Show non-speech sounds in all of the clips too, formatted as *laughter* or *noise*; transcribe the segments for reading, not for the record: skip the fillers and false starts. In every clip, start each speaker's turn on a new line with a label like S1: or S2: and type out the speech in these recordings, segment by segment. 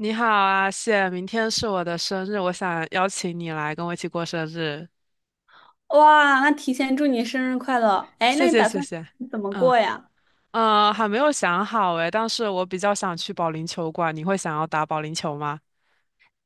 S1: 你好啊，谢，明天是我的生日，我想邀请你来跟我一起过生日，
S2: 哇，那提前祝你生日快乐！哎，
S1: 谢
S2: 那你
S1: 谢
S2: 打
S1: 谢
S2: 算
S1: 谢。
S2: 怎么
S1: 嗯
S2: 过呀？
S1: 嗯，还没有想好诶，但是我比较想去保龄球馆，你会想要打保龄球吗？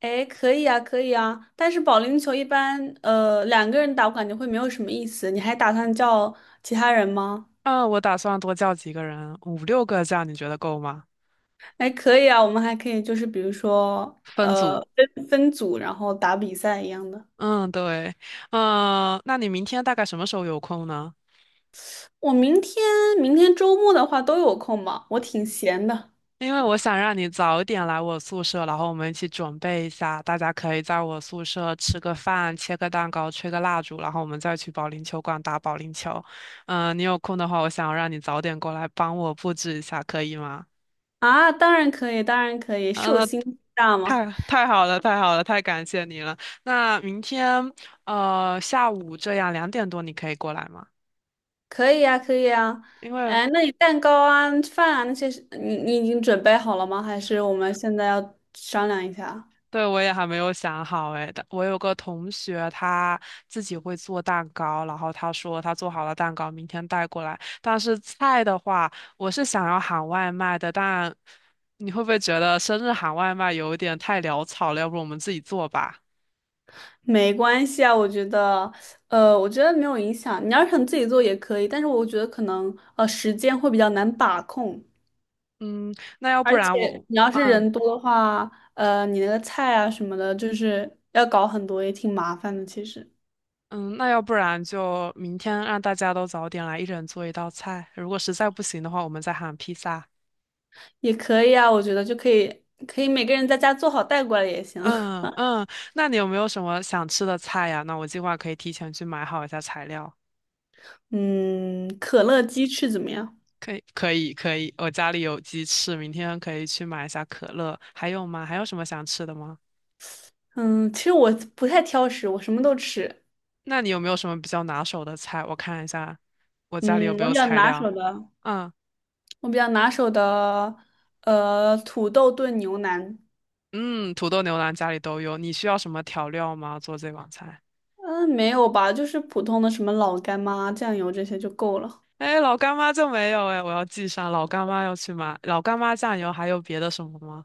S2: 哎，可以啊，可以啊。但是保龄球一般，两个人打我感觉会没有什么意思。你还打算叫其他人吗？
S1: 嗯，我打算多叫几个人，5、6个这样，你觉得够吗？
S2: 哎，可以啊，我们还可以就是比如说，
S1: 分组。
S2: 分组然后打比赛一样的。
S1: 嗯，对。嗯，那你明天大概什么时候有空呢？
S2: 我明天周末的话都有空吧，我挺闲的
S1: 因为我想让你早点来我宿舍，然后我们一起准备一下，大家可以在我宿舍吃个饭、切个蛋糕、吹个蜡烛，然后我们再去保龄球馆打保龄球。嗯、你有空的话，我想要让你早点过来帮我布置一下，可以吗？
S2: 啊。当然可以，当然可以，
S1: 嗯，
S2: 寿
S1: 那
S2: 星大吗？
S1: 太好了，太好了，太感谢你了。那明天下午这样2点多你可以过来吗？
S2: 可以呀，可以呀。
S1: 因为
S2: 哎，那你蛋糕啊、饭啊那些是你已经准备好了吗？还是我们现在要商量一下？
S1: 对，我也还没有想好诶，但我有个同学，他自己会做蛋糕，然后他说他做好了蛋糕，明天带过来。但是菜的话，我是想要喊外卖的，但你会不会觉得生日喊外卖有一点太潦草了？要不我们自己做吧？
S2: 没关系啊，我觉得，我觉得没有影响。你要是想自己做也可以，但是我觉得可能时间会比较难把控，
S1: 嗯，那要不
S2: 而
S1: 然
S2: 且
S1: 我，
S2: 你要是
S1: 嗯
S2: 人多的话，你那个菜啊什么的，就是要搞很多，也挺麻烦的。其实
S1: 嗯，那要不然就明天让大家都早点来，一人做一道菜。如果实在不行的话，我们再喊披萨。
S2: 也可以啊，我觉得就可以，可以每个人在家做好带过来也行。*laughs*
S1: 嗯嗯，那你有没有什么想吃的菜呀？那我计划可以提前去买好一下材料。
S2: 嗯，可乐鸡翅怎么样？
S1: 可以可以可以，我家里有鸡翅，明天可以去买一下可乐。还有吗？还有什么想吃的吗？
S2: 嗯，其实我不太挑食，我什么都吃。
S1: 那你有没有什么比较拿手的菜？我看一下，我家里有
S2: 嗯，
S1: 没
S2: 我
S1: 有
S2: 比较
S1: 材
S2: 拿
S1: 料？
S2: 手的，
S1: 嗯
S2: 我比较拿手的，土豆炖牛腩。
S1: 嗯，土豆牛腩家里都有。你需要什么调料吗？做这碗菜？
S2: 嗯，没有吧，就是普通的什么老干妈、酱油这些就够了。
S1: 哎，老干妈就没有哎，我要记上。老干妈要去买，老干妈酱油还有别的什么吗？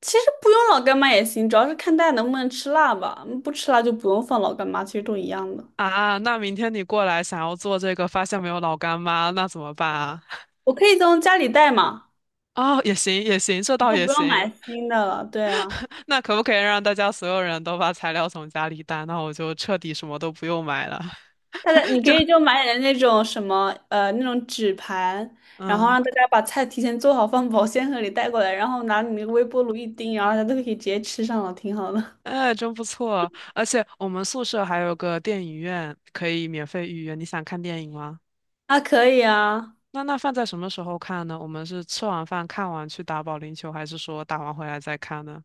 S2: 其实不用老干妈也行，主要是看大家能不能吃辣吧。嗯不吃辣就不用放老干妈，其实都一样的。
S1: 啊，那明天你过来想要做这个，发现没有老干妈，那怎么办啊？
S2: 我可以从家里带嘛，
S1: 哦，也行也行，这倒
S2: 就
S1: 也
S2: 不用
S1: 行。
S2: 买新的了。对啊。
S1: 那可不可以让大家所有人都把材料从家里带？那我就彻底什么都不用买了，
S2: 它的你
S1: *laughs*
S2: 可
S1: 就
S2: 以就买点那种什么那种纸盘，然后
S1: 嗯，
S2: 让大家把菜提前做好，放保鲜盒里带过来，然后拿你那个微波炉一叮，然后大家都可以直接吃上了，挺好的。
S1: 哎，真不错。而且我们宿舍还有个电影院，可以免费预约。你想看电影吗？
S2: *laughs* 啊，可以啊，
S1: 那放在什么时候看呢？我们是吃完饭看完去打保龄球，还是说打完回来再看呢？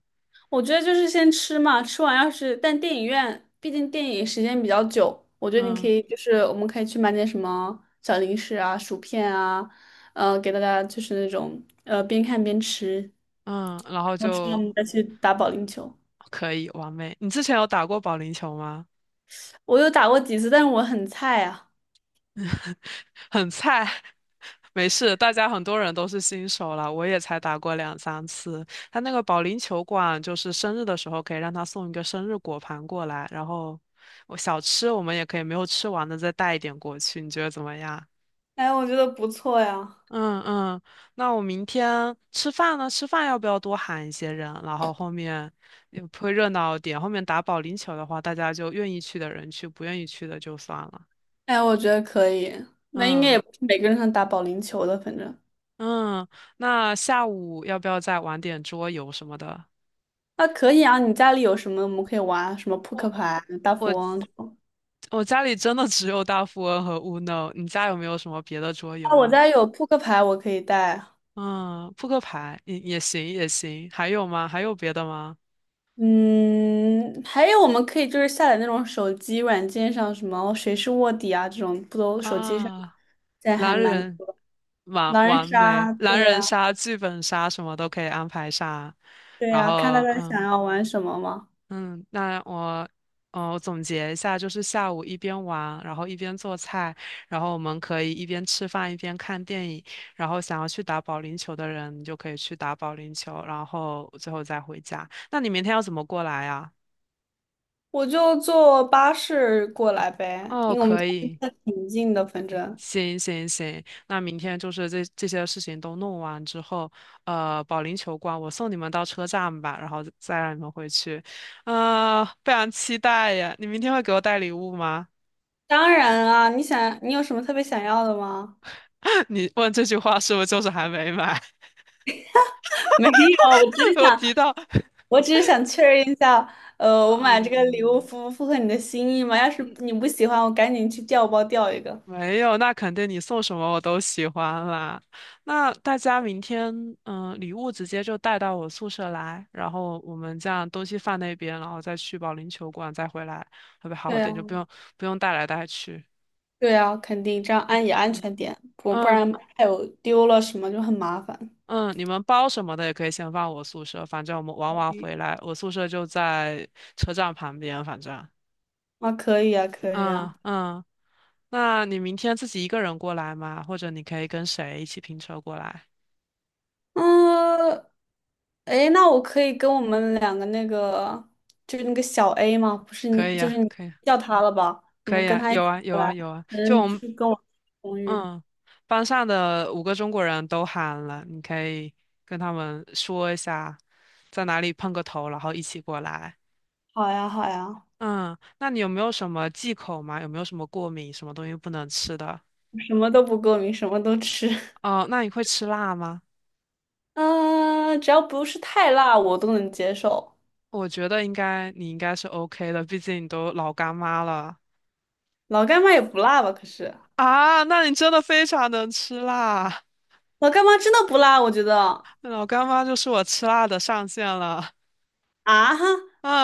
S2: 我觉得就是先吃嘛，吃完要是但电影院毕竟电影时间比较久，我觉得你可
S1: 嗯
S2: 以就是我们可以去买点什么小零食啊、薯片啊，给大家就是那种边看边吃，
S1: 嗯，然后
S2: 然后吃完
S1: 就
S2: 我们再去打保龄球。
S1: 可以，完美。你之前有打过保龄球吗？
S2: 我有打过几次，但是我很菜啊。
S1: *laughs* 很菜，*laughs* 没事，大家很多人都是新手了，我也才打过2、3次。他那个保龄球馆，就是生日的时候可以让他送一个生日果盘过来，然后我小吃我们也可以没有吃完的再带一点过去，你觉得怎么样？
S2: 哎，我觉得不错呀。
S1: 嗯嗯，那我明天吃饭呢？吃饭要不要多喊一些人？然后后面也会热闹一点。后面打保龄球的话，大家就愿意去的人去，不愿意去的就算了。
S2: 哎，我觉得可以。那应该
S1: 嗯
S2: 也不是每个人能打保龄球的，反正
S1: 嗯，那下午要不要再玩点桌游什么的？
S2: 啊，可以啊。你家里有什么我们可以玩？什么扑克
S1: 我
S2: 牌、大
S1: 我
S2: 富翁这种？
S1: 我家里真的只有大富翁和 Uno，你家有没有什么别的桌游
S2: 啊，我
S1: 啊？
S2: 家有扑克牌，我可以带。
S1: 嗯，扑克牌也行也行，还有吗？还有别的吗？
S2: 嗯，还有我们可以就是下载那种手机软件上什么谁是卧底啊这种，不都手机上
S1: 啊，
S2: 现在还
S1: 狼
S2: 蛮
S1: 人，
S2: 多的
S1: 完
S2: 狼人
S1: 完美，
S2: 杀，
S1: 狼
S2: 对
S1: 人
S2: 呀，
S1: 杀、剧本杀什么都可以安排上，
S2: 对
S1: 然
S2: 呀，
S1: 后
S2: 看大家想
S1: 嗯。
S2: 要玩什么嘛。
S1: 嗯，那我我总结一下，就是下午一边玩，然后一边做菜，然后我们可以一边吃饭一边看电影，然后想要去打保龄球的人，你就可以去打保龄球，然后最后再回家。那你明天要怎么过来啊？
S2: 我就坐巴士过来呗，
S1: 哦，
S2: 因为我们
S1: 可
S2: 家离
S1: 以，
S2: 得挺近的，反正。
S1: 行行行，那明天就是这些事情都弄完之后，保龄球馆我送你们到车站吧，然后再让你们回去。啊、非常期待呀！你明天会给我带礼物吗？
S2: 当然啊，你想，你有什么特别想要的吗？
S1: 你问这句话是不是就是还没买？
S2: *laughs* 没有，
S1: *laughs* 我提到，
S2: 我只是想确认一下，我买这个礼物
S1: 嗯，
S2: 符不符合你的心意嘛？要是
S1: 嗯
S2: 你不喜欢，我赶紧去调包调一个。
S1: 没有，那肯定你送什么我都喜欢啦。那大家明天，嗯，礼物直接就带到我宿舍来，然后我们这样东西放那边，然后再去保龄球馆再回来，会不会
S2: 对
S1: 好一
S2: 呀，
S1: 点？就不用带来带去。
S2: 对呀，肯定这样安也安
S1: 嗯
S2: 全点，不不
S1: 嗯
S2: 然还有丢了什么就很麻烦。
S1: 嗯，你们包什么的也可以先放我宿舍，反正我们玩完回
S2: 嗯
S1: 来，我宿舍就在车站旁边，反正。
S2: 啊，可以啊，可以
S1: 嗯
S2: 啊。
S1: 嗯，那你明天自己一个人过来吗？或者你可以跟谁一起拼车过来？
S2: 嗯，哎，那我可以跟我们两个那个，就是那个小 A 吗？不是你，
S1: 可以
S2: 就是
S1: 呀，
S2: 你
S1: 可以啊，
S2: 叫他了吧？我
S1: 可
S2: 们
S1: 以
S2: 跟
S1: 呀，
S2: 他一
S1: 有
S2: 起
S1: 啊，有
S2: 过
S1: 啊，
S2: 来，
S1: 有啊。就
S2: 嗯，
S1: 我
S2: 就
S1: 们，
S2: 跟我同语。
S1: 嗯，班上的5个中国人都喊了，你可以跟他们说一下，在哪里碰个头，然后一起过来。
S2: 好呀，好呀，
S1: 嗯，那你有没有什么忌口吗？有没有什么过敏，什么东西不能吃的？
S2: 什么都不过敏，什么都吃。*laughs*
S1: 哦，那你会吃辣吗？
S2: 嗯，只要不是太辣，我都能接受。
S1: 我觉得应该，你应该是 OK 的，毕竟你都老干妈了。
S2: 老干妈也不辣吧？可是
S1: 啊，那你真的非常能吃辣，
S2: 老干妈真的不辣，我觉得。
S1: 老干妈就是我吃辣的上限了。
S2: 啊哈，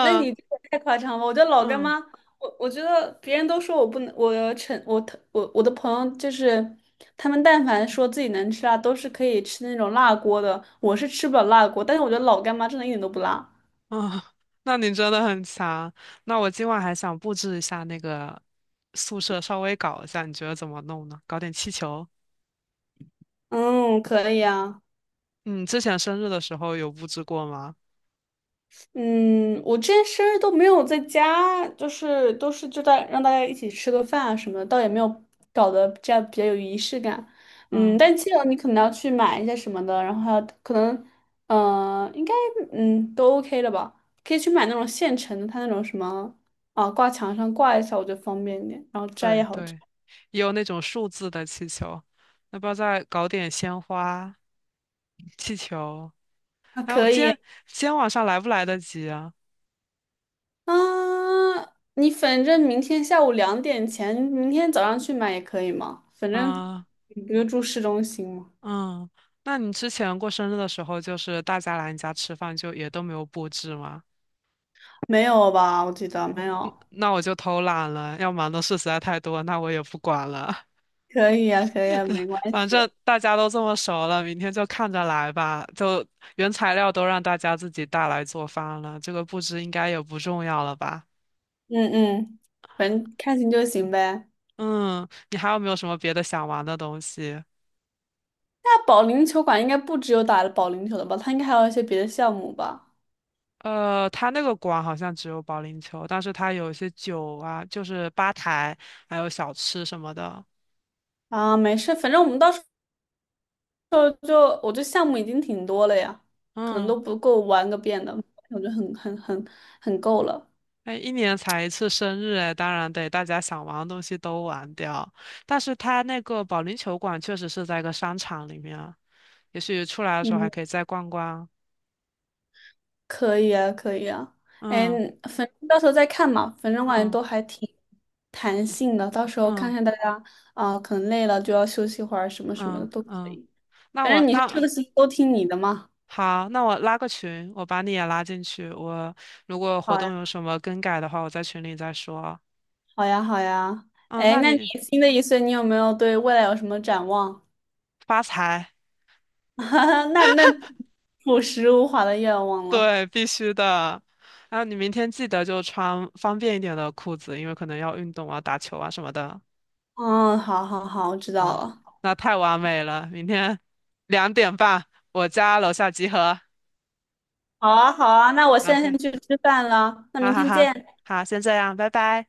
S2: 那你这个太夸张了！我觉得老干
S1: 嗯
S2: 妈，我觉得别人都说我不能，我成我我我的朋友就是他们，但凡说自己能吃辣，都是可以吃那种辣锅的。我是吃不了辣锅，但是我觉得老干妈真的一点都不辣。
S1: 嗯，那你真的很强。那我今晚还想布置一下那个宿舍，稍微搞一下，你觉得怎么弄呢？搞点气球。
S2: 嗯，可以啊。
S1: 嗯，之前生日的时候有布置过吗？
S2: 嗯，我之前生日都没有在家，就是都是就在让大家一起吃个饭啊什么的，倒也没有搞得这样比较有仪式感。嗯，
S1: 嗯，
S2: 但记得你可能要去买一些什么的，然后还有可能，应该嗯都 OK 了吧，可以去买那种现成的，它那种什么啊挂墙上挂一下，我觉得方便一点，然后摘也
S1: 对
S2: 好摘。
S1: 对，也有那种数字的气球。要不要再搞点鲜花、气球？
S2: 啊，
S1: 哎，我
S2: 可
S1: 今
S2: 以
S1: 天今天晚上来不来得及啊？
S2: 啊，你反正明天下午两点前，明天早上去买也可以嘛，反正
S1: 啊、
S2: 你不就住市中心吗？
S1: 嗯，那你之前过生日的时候，就是大家来你家吃饭，就也都没有布置吗？
S2: 没有吧？我记得没有。
S1: 那我就偷懒了，要忙的事实在太多，那我也不管了。
S2: 可以呀、可以呀、没关
S1: *laughs* 反
S2: 系。
S1: 正大家都这么熟了，明天就看着来吧。就原材料都让大家自己带来做饭了，这个布置应该也不重要了吧？
S2: 嗯嗯，反正开心就行呗。
S1: 嗯，你还有没有什么别的想玩的东西？
S2: 那保龄球馆应该不只有打保龄球的吧？它应该还有一些别的项目吧？
S1: 他那个馆好像只有保龄球，但是他有一些酒啊，就是吧台，还有小吃什么的。
S2: 啊，没事，反正我们到时候就我这项目已经挺多了呀，可能
S1: 嗯。
S2: 都不够玩个遍的，我觉得很够了。
S1: 哎，一年才一次生日，哎，当然得大家想玩的东西都玩掉。但是它那个保龄球馆确实是在一个商场里面啊，也许出来的时候还
S2: 嗯。
S1: 可以再逛逛。
S2: 可以啊，可以啊。哎，
S1: 嗯
S2: 反正到时候再看嘛，反正我感觉
S1: 嗯
S2: 都还挺弹性的，到时候看
S1: 嗯
S2: 看大家啊、可能累了就要休息会儿，什么什么的
S1: 嗯
S2: 都可
S1: 嗯，
S2: 以。
S1: 那
S2: 反
S1: 我
S2: 正你是这
S1: 那
S2: 个是都听你的嘛。
S1: 好，那我拉个群，我把你也拉进去。我如果活
S2: 好呀，
S1: 动有什么更改的话，我在群里再说。
S2: 好呀，好呀。
S1: 嗯，
S2: 哎，
S1: 那
S2: 那你
S1: 你
S2: 新的一岁，你有没有对未来有什么展望？
S1: 发财，
S2: *laughs* 那那朴实无华的愿望了。
S1: 对，必须的。然后你明天记得就穿方便一点的裤子，因为可能要运动啊、打球啊什么的。
S2: 嗯，好好好，我知道
S1: 好，
S2: 了。
S1: 那太完美了。明天2点半，我家楼下集合。
S2: 好啊，好啊，那我现在
S1: OK，
S2: 先去吃饭了，那
S1: 好
S2: 明
S1: 好
S2: 天
S1: 好，
S2: 见。
S1: 好，先这样，拜拜。